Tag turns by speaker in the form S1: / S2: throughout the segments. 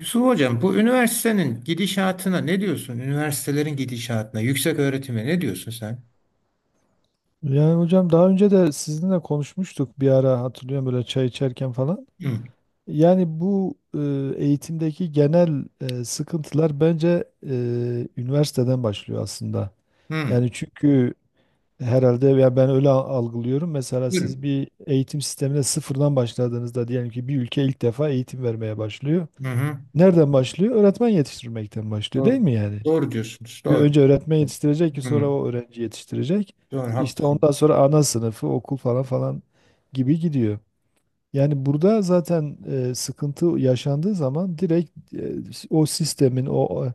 S1: Yusuf Hocam, bu üniversitenin gidişatına ne diyorsun? Üniversitelerin gidişatına, yüksek öğretime ne diyorsun sen?
S2: Yani hocam daha önce de sizinle konuşmuştuk bir ara hatırlıyorum böyle çay içerken falan.
S1: Hı,
S2: Yani bu eğitimdeki genel sıkıntılar bence e, üniversiteden başlıyor aslında.
S1: hı,
S2: Yani çünkü herhalde ya ben öyle algılıyorum. Mesela siz
S1: buyurun.
S2: bir eğitim sistemine sıfırdan başladığınızda diyelim ki bir ülke ilk defa eğitim vermeye başlıyor.
S1: Hı hı.
S2: Nereden başlıyor? Öğretmen yetiştirmekten başlıyor değil
S1: Doğru.
S2: mi yani?
S1: Doğru diyorsunuz.
S2: Bir
S1: Doğru.
S2: önce öğretmen yetiştirecek ki sonra
S1: Hı,
S2: o öğrenci yetiştirecek.
S1: doğru,
S2: İşte
S1: haklısın.
S2: ondan sonra ana sınıfı, okul falan falan gibi gidiyor. Yani burada zaten sıkıntı yaşandığı zaman direkt o sistemin, o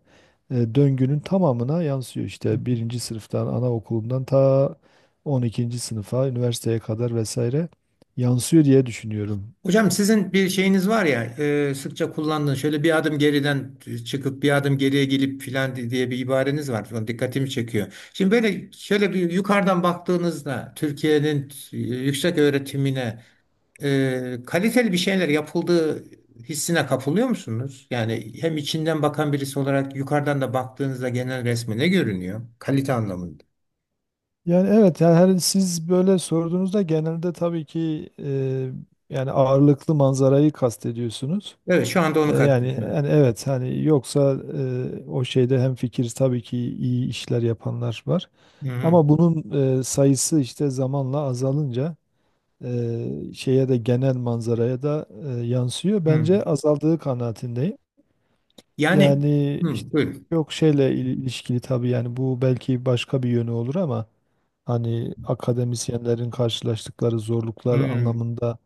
S2: e, döngünün tamamına yansıyor.
S1: Hı hı.
S2: İşte birinci sınıftan, anaokulundan ta 12. sınıfa, üniversiteye kadar vesaire yansıyor diye düşünüyorum.
S1: Hocam sizin bir şeyiniz var ya, sıkça kullandığınız şöyle bir adım geriden çıkıp bir adım geriye gelip filan diye bir ibareniz var. Falan dikkatimi çekiyor. Şimdi böyle şöyle bir yukarıdan baktığınızda Türkiye'nin yüksek öğretimine kaliteli bir şeyler yapıldığı hissine kapılıyor musunuz? Yani hem içinden bakan birisi olarak yukarıdan da baktığınızda genel resme ne görünüyor? Kalite anlamında.
S2: Yani evet, yani siz böyle sorduğunuzda genelde tabii ki yani ağırlıklı manzarayı kastediyorsunuz.
S1: Evet, şu anda onu
S2: E, Yani,
S1: kastediyorum. Evet.
S2: yani evet hani yoksa o şeyde hem fikir tabii ki iyi işler yapanlar var.
S1: Hı hı.
S2: Ama bunun sayısı işte zamanla azalınca şeye de genel manzaraya da yansıyor.
S1: Hı.
S2: Bence azaldığı kanaatindeyim.
S1: Yani
S2: Yani
S1: hı,
S2: işte
S1: buyurun.
S2: yok şeyle ilişkili tabii yani bu belki başka bir yönü olur ama hani akademisyenlerin karşılaştıkları zorluklar
S1: Hı.
S2: anlamında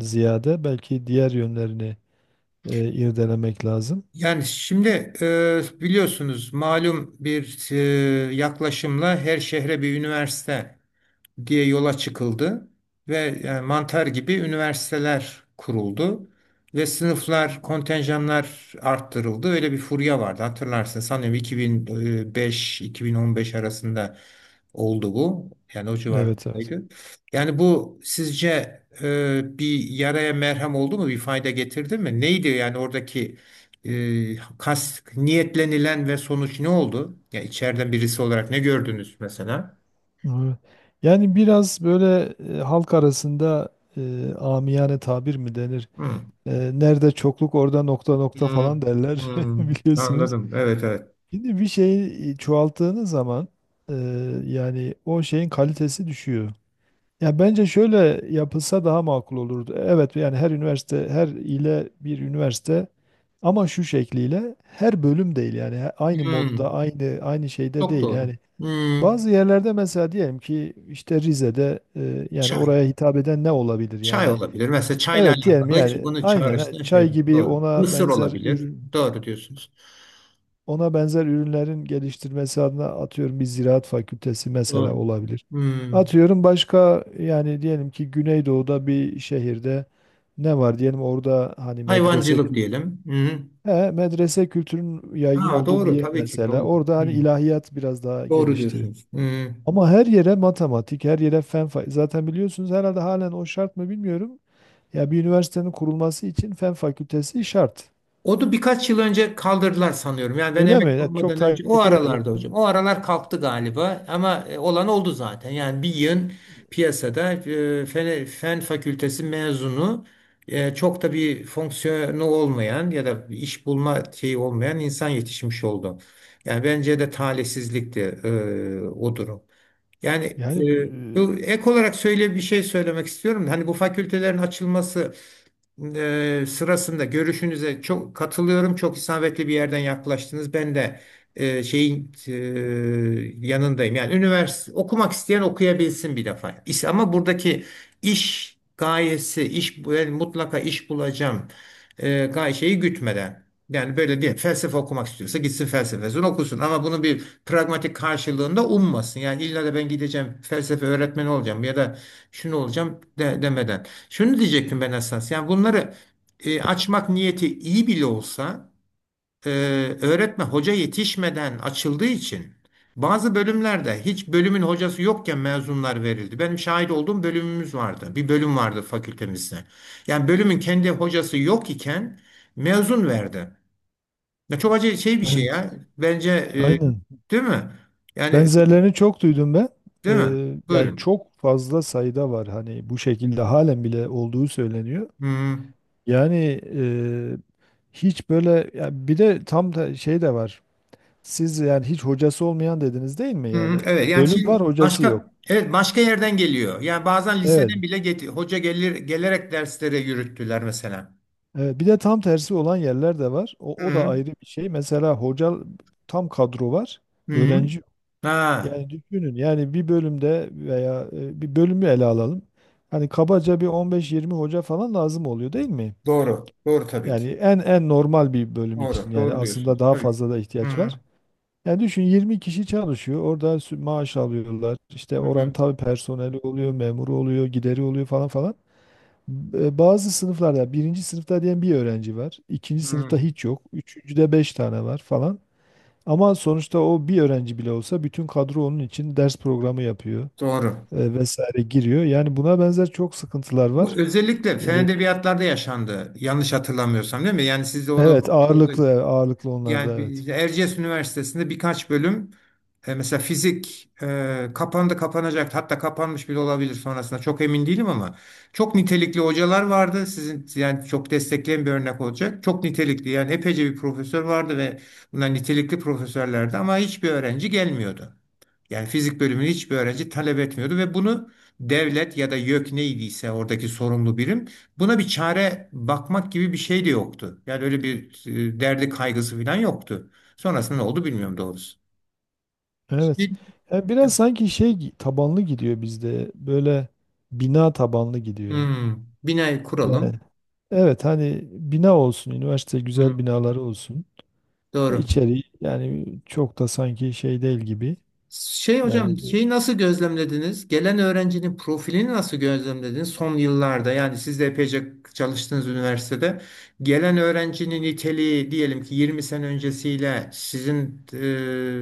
S2: ziyade belki diğer yönlerini irdelemek lazım.
S1: Yani şimdi biliyorsunuz malum bir yaklaşımla her şehre bir üniversite diye yola çıkıldı ve yani mantar gibi üniversiteler kuruldu ve sınıflar, kontenjanlar arttırıldı. Öyle bir furya vardı hatırlarsın. Sanıyorum 2005-2015 arasında oldu bu. Yani o
S2: Evet, evet.
S1: civardaydı. Yani bu sizce bir yaraya merhem oldu mu? Bir fayda getirdi mi? Neydi yani oradaki e, kas niyetlenilen ve sonuç ne oldu? Ya içeriden birisi olarak ne gördünüz mesela?
S2: Evet. Yani biraz böyle halk arasında amiyane tabir mi denir?
S1: Hı.
S2: Nerede çokluk orada nokta nokta falan
S1: Hmm,
S2: derler
S1: hmm,
S2: biliyorsunuz.
S1: anladım. Evet, evet.
S2: Şimdi bir şeyi çoğalttığınız zaman e, yani o şeyin kalitesi düşüyor. Ya bence şöyle yapılsa daha makul olurdu. Evet yani her üniversite her ile bir üniversite ama şu şekliyle her bölüm değil yani aynı modda
S1: Hmm.
S2: aynı şeyde
S1: Çok
S2: değil
S1: doğru.
S2: yani
S1: Hmm,
S2: bazı yerlerde mesela diyelim ki işte Rize'de yani
S1: çay.
S2: oraya hitap eden ne olabilir
S1: Çay
S2: yani?
S1: olabilir. Mesela çayla
S2: Evet diyelim
S1: alakalı ki
S2: yani
S1: onu
S2: aynen ha,
S1: çağrıştıran şey.
S2: çay gibi
S1: Doğru. Mısır olabilir. Doğru diyorsunuz.
S2: ona benzer ürünlerin geliştirmesi adına atıyorum bir ziraat fakültesi mesela
S1: Doğru.
S2: olabilir.
S1: Hmm,
S2: Atıyorum başka yani diyelim ki Güneydoğu'da bir şehirde ne var diyelim orada hani
S1: hayvancılık diyelim. Hmm.
S2: medrese kültürün yaygın
S1: Ha,
S2: olduğu bir
S1: doğru,
S2: yer
S1: tabii ki
S2: mesela.
S1: doğru.
S2: Orada hani
S1: Hmm,
S2: ilahiyat biraz daha
S1: doğru
S2: geliştirir.
S1: diyorsunuz. Hmm.
S2: Ama her yere matematik, her yere zaten biliyorsunuz herhalde halen o şart mı bilmiyorum. Ya bir üniversitenin kurulması için fen fakültesi şart.
S1: Onu birkaç yıl önce kaldırdılar sanıyorum. Yani ben
S2: Öyle mi?
S1: emekli
S2: Ya çok
S1: olmadan önce o
S2: takip edelim.
S1: aralarda hocam. O aralar kalktı galiba ama olan oldu zaten. Yani bir yığın piyasada fen fakültesi mezunu, çok da bir fonksiyonu olmayan ya da bir iş bulma şeyi olmayan insan yetişmiş oldu. Yani bence de talihsizlikti o durum. Yani e,
S2: Yani
S1: bu ek olarak söyle bir şey söylemek istiyorum. Hani bu fakültelerin açılması sırasında görüşünüze çok katılıyorum. Çok isabetli bir yerden yaklaştınız. Ben de şeyin yanındayım. Yani üniversite okumak isteyen okuyabilsin bir defa. Ama buradaki iş gayesi, iş ben mutlaka iş bulacağım, e, gay şeyi gütmeden. Yani böyle diye felsefe okumak istiyorsa gitsin felsefesini okusun ama bunu bir pragmatik karşılığında ummasın. Yani illa da ben gideceğim, felsefe öğretmeni olacağım ya da şunu olacağım demeden. Şunu diyecektim ben esas. Yani bunları açmak niyeti iyi bile olsa, e, öğretmen hoca yetişmeden açıldığı için bazı bölümlerde hiç bölümün hocası yokken mezunlar verildi. Benim şahit olduğum bölümümüz vardı. Bir bölüm vardı fakültemizde. Yani bölümün kendi hocası yok iken mezun verdi. Ya çok acı şey bir şey
S2: evet,
S1: ya. Bence,
S2: aynen.
S1: değil mi? Yani,
S2: Benzerlerini çok duydum ben. E,
S1: değil mi?
S2: yani
S1: Buyurun.
S2: çok fazla sayıda var hani bu şekilde halen bile olduğu söyleniyor.
S1: Hı.
S2: Yani e, hiç böyle ya bir de tam da şey de var. Siz yani hiç hocası olmayan dediniz değil mi?
S1: Hı,
S2: Yani
S1: evet, yani
S2: bölüm var
S1: şimdi
S2: hocası yok.
S1: başka, evet, başka yerden geliyor. Yani bazen
S2: Evet.
S1: liseden bile hoca gelir, gelerek derslere yürüttüler mesela.
S2: Evet, bir de tam tersi olan yerler de var. O da
S1: Hı,
S2: ayrı bir şey. Mesela hoca tam kadro var.
S1: hı.
S2: Öğrenci yok.
S1: Ha,
S2: Yani düşünün yani bir bölümde veya bir bölümü ele alalım. Hani kabaca bir 15-20 hoca falan lazım oluyor değil mi?
S1: doğru. Doğru tabii ki.
S2: Yani en normal bir bölüm
S1: Doğru.
S2: için yani
S1: Doğru
S2: aslında
S1: diyorsun.
S2: daha
S1: Tabii.
S2: fazla da
S1: Hı,
S2: ihtiyaç
S1: hı,
S2: var. Yani düşün 20 kişi çalışıyor. Orada maaş alıyorlar. İşte oranın
S1: hı.
S2: tabii personeli oluyor, memuru oluyor, gideri oluyor falan falan. Bazı sınıflarda yani birinci sınıfta diyen bir öğrenci var. İkinci
S1: Hı.
S2: sınıfta
S1: Hı.
S2: hiç yok. Üçüncüde beş tane var falan. Ama sonuçta o bir öğrenci bile olsa bütün kadro onun için ders programı yapıyor
S1: Doğru.
S2: vesaire giriyor. Yani buna benzer çok sıkıntılar
S1: Bu
S2: var.
S1: özellikle fen
S2: E,
S1: edebiyatlarda yaşandı. Yanlış hatırlamıyorsam, değil mi? Yani siz de onu,
S2: Evet ağırlıklı ağırlıklı onlarda
S1: yani
S2: evet.
S1: işte Erciyes Üniversitesi'nde birkaç bölüm, mesela fizik, kapandı, kapanacak, hatta kapanmış bile olabilir sonrasında, çok emin değilim ama çok nitelikli hocalar vardı sizin, yani çok destekleyen bir örnek olacak, çok nitelikli yani epeyce bir profesör vardı ve bunlar nitelikli profesörlerdi ama hiçbir öğrenci gelmiyordu. Yani fizik bölümünü hiçbir öğrenci talep etmiyordu ve bunu devlet ya da YÖK neydiyse oradaki sorumlu birim buna bir çare bakmak gibi bir şey de yoktu. Yani öyle bir derdi, kaygısı falan yoktu. Sonrasında ne oldu bilmiyorum doğrusu.
S2: Evet.
S1: Şimdi-
S2: Yani biraz sanki şey tabanlı gidiyor bizde. Böyle bina tabanlı gidiyor.
S1: Hmm, bina kuralım.
S2: Yani evet hani bina olsun, üniversite güzel
S1: Hmm,
S2: binaları olsun. E,
S1: doğru.
S2: yani çok da sanki şey değil gibi.
S1: Şey
S2: Yani
S1: hocam, şeyi nasıl gözlemlediniz? Gelen öğrencinin profilini nasıl gözlemlediniz? Son yıllarda yani siz de epeyce çalıştığınız üniversitede gelen öğrencinin niteliği, diyelim ki 20 sene öncesiyle sizin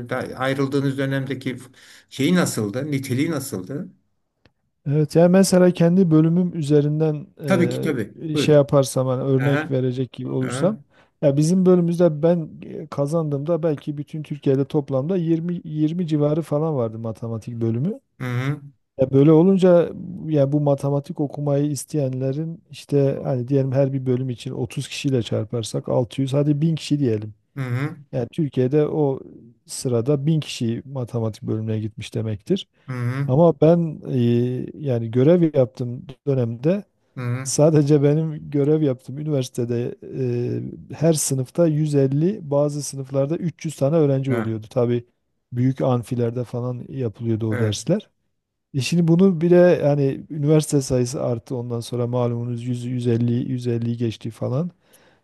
S1: da ayrıldığınız dönemdeki şeyi nasıldı? Niteliği nasıldı?
S2: evet yani mesela kendi bölümüm üzerinden
S1: Tabii ki tabii.
S2: şey
S1: Buyurun.
S2: yaparsam hani örnek
S1: Aha,
S2: verecek gibi olursam
S1: aha.
S2: ya bizim bölümümüzde ben kazandığımda belki bütün Türkiye'de toplamda 20 20 civarı falan vardı matematik bölümü.
S1: Hı hı,
S2: Ya böyle olunca ya bu matematik okumayı isteyenlerin işte hani diyelim her bir bölüm için 30 kişiyle çarparsak 600 hadi 1000 kişi diyelim.
S1: hı hı,
S2: Yani Türkiye'de o sırada 1000 kişi matematik bölümüne gitmiş demektir.
S1: hı hı,
S2: Ama ben yani görev yaptığım dönemde
S1: hı hı.
S2: sadece benim görev yaptığım üniversitede her sınıfta 150 bazı sınıflarda 300 tane öğrenci
S1: Ha,
S2: oluyordu. Tabii büyük amfilerde falan yapılıyordu o
S1: evet,
S2: dersler. Şimdi bunu bile yani üniversite sayısı arttı ondan sonra malumunuz 100, 150, 150 geçti falan.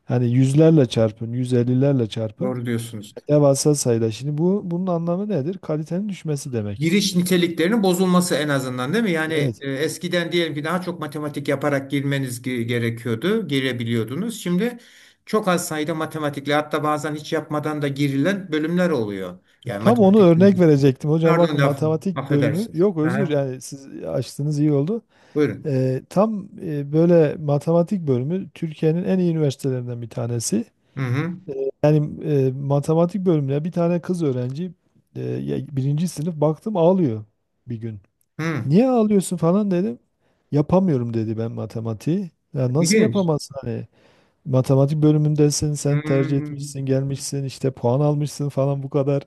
S2: Hani yüzlerle çarpın, 150'lerle çarpın.
S1: doğru diyorsunuz.
S2: Devasa sayıda. Şimdi bunun anlamı nedir? Kalitenin düşmesi demek.
S1: Giriş niteliklerinin bozulması en azından, değil mi? Yani,
S2: Evet.
S1: eskiden diyelim ki daha çok matematik yaparak girmeniz gerekiyordu, girebiliyordunuz. Şimdi çok az sayıda matematikle, hatta bazen hiç yapmadan da girilen bölümler oluyor. Yani
S2: Tam onu
S1: matematik.
S2: örnek verecektim. Hocam
S1: Pardon
S2: bakın
S1: laf,
S2: matematik bölümü
S1: affedersiniz.
S2: yok, özür,
S1: Aha,
S2: yani siz açtınız iyi oldu.
S1: buyurun.
S2: Tam böyle matematik bölümü Türkiye'nin en iyi üniversitelerinden bir tanesi.
S1: Hı hı.
S2: Yani matematik bölümüne bir tane kız öğrenci birinci sınıf baktım ağlıyor bir gün.
S1: Hı.
S2: Niye ağlıyorsun falan dedim. Yapamıyorum dedi ben matematiği. Ya nasıl
S1: İlginç.
S2: yapamazsın hani? Matematik bölümündesin, sen tercih
S1: Hı,
S2: etmişsin, gelmişsin, işte puan almışsın falan bu kadar.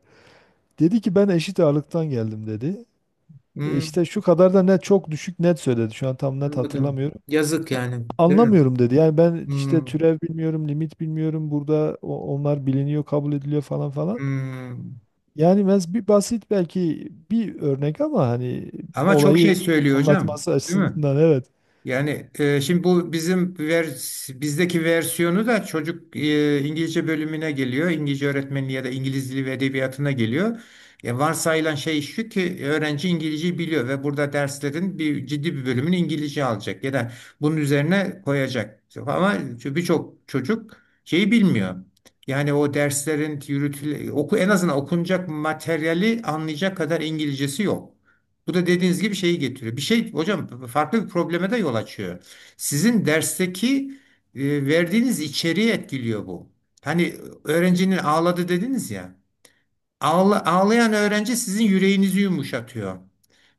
S2: Dedi ki ben eşit ağırlıktan geldim dedi.
S1: hı,
S2: İşte şu kadar da net çok düşük net söyledi. Şu an tam net
S1: anladım.
S2: hatırlamıyorum.
S1: Yazık
S2: A-
S1: yani, değil mi?
S2: Anlamıyorum dedi. Yani ben işte
S1: Hı,
S2: türev bilmiyorum, limit bilmiyorum. Burada onlar biliniyor, kabul ediliyor falan falan.
S1: hı.
S2: Yani bir basit belki bir örnek ama hani
S1: Ama çok şey
S2: olayı
S1: söylüyor hocam,
S2: anlatması
S1: değil mi?
S2: açısından evet.
S1: Yani, şimdi bu bizim bizdeki versiyonu da, çocuk, İngilizce bölümüne geliyor. İngilizce öğretmenliği ya da İngiliz dili ve edebiyatına geliyor. Varsayılan şey şu ki öğrenci İngilizceyi biliyor ve burada derslerin ciddi bir bölümünü İngilizce alacak ya da bunun üzerine koyacak. Ama birçok çocuk şeyi bilmiyor. Yani o derslerin yürütüle oku en azından okunacak materyali anlayacak kadar İngilizcesi yok. Bu da dediğiniz gibi şeyi getiriyor. Bir şey hocam, farklı bir probleme de yol açıyor. Sizin dersteki verdiğiniz içeriği etkiliyor bu. Hani öğrencinin ağladı dediniz ya. Ağlayan öğrenci sizin yüreğinizi yumuşatıyor.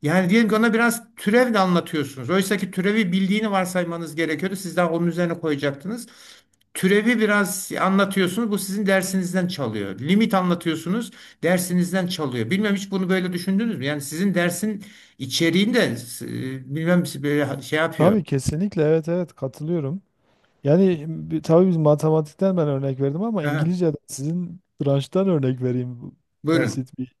S1: Yani diyelim ki ona biraz türev de anlatıyorsunuz. Oysa ki türevi bildiğini varsaymanız gerekiyordu. Siz daha onun üzerine koyacaktınız. Türevi biraz anlatıyorsunuz. Bu sizin dersinizden çalıyor. Limit anlatıyorsunuz. Dersinizden çalıyor. Bilmem hiç bunu böyle düşündünüz mü? Yani sizin dersin içeriğinde, bilmem, böyle şey yapıyor.
S2: Tabii kesinlikle evet, evet katılıyorum. Yani tabii biz matematikten ben örnek verdim ama
S1: Aha,
S2: İngilizce'den sizin branştan örnek vereyim. Bu
S1: buyurun.
S2: basit bir.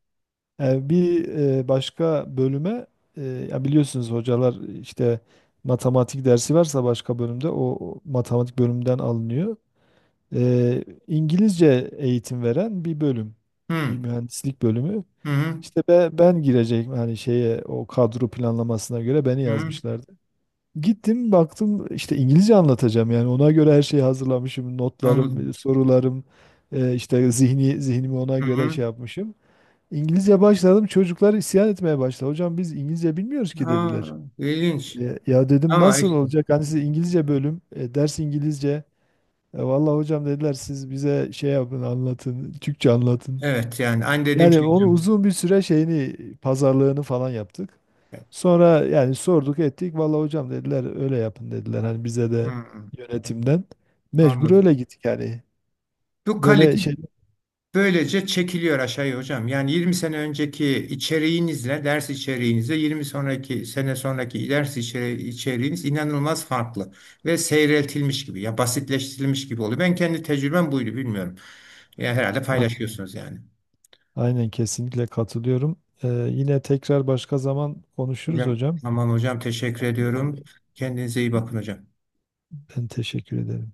S2: Yani bir başka bölüme ya biliyorsunuz hocalar işte matematik dersi varsa başka bölümde o matematik bölümünden alınıyor. İngilizce eğitim veren bir bölüm,
S1: Hı,
S2: bir mühendislik bölümü.
S1: hı, hı,
S2: İşte ben girecek hani şeye o kadro planlamasına göre beni
S1: hı,
S2: yazmışlardı. Gittim baktım işte İngilizce anlatacağım yani ona göre her şeyi hazırlamışım, notlarım,
S1: anladım.
S2: sorularım, işte zihnimi ona
S1: Hı,
S2: göre
S1: hı.
S2: şey yapmışım. İngilizce başladım çocuklar isyan etmeye başladı. Hocam biz İngilizce bilmiyoruz ki dediler.
S1: Ha, ilginç.
S2: Ya dedim
S1: Ama
S2: nasıl
S1: işte.
S2: olacak hani siz İngilizce bölüm ders İngilizce. Vallahi hocam dediler siz bize şey yapın anlatın Türkçe anlatın.
S1: Evet, yani aynı dediğim
S2: Yani
S1: şey
S2: onu
S1: hocam.
S2: uzun bir süre şeyini pazarlığını falan yaptık. Sonra yani sorduk ettik. Vallahi hocam dediler öyle yapın dediler. Hani bize de
S1: Hmm,
S2: yönetimden. Mecbur
S1: anladım.
S2: öyle gittik yani.
S1: Bu
S2: Böyle
S1: kalite
S2: şey
S1: böylece çekiliyor aşağıya hocam. Yani 20 sene önceki ders içeriğinizle, 20 sonraki sene sonraki ders içeriğiniz inanılmaz farklı ve seyreltilmiş gibi, ya basitleştirilmiş gibi oluyor. Ben kendi tecrübem buydu, bilmiyorum. Ya herhalde
S2: A-
S1: paylaşıyorsunuz yani.
S2: aynen kesinlikle katılıyorum. Yine tekrar başka zaman konuşuruz
S1: Hocam
S2: hocam.
S1: tamam hocam, teşekkür
S2: Ee,
S1: ediyorum. Kendinize iyi bakın hocam.
S2: Ben teşekkür ederim.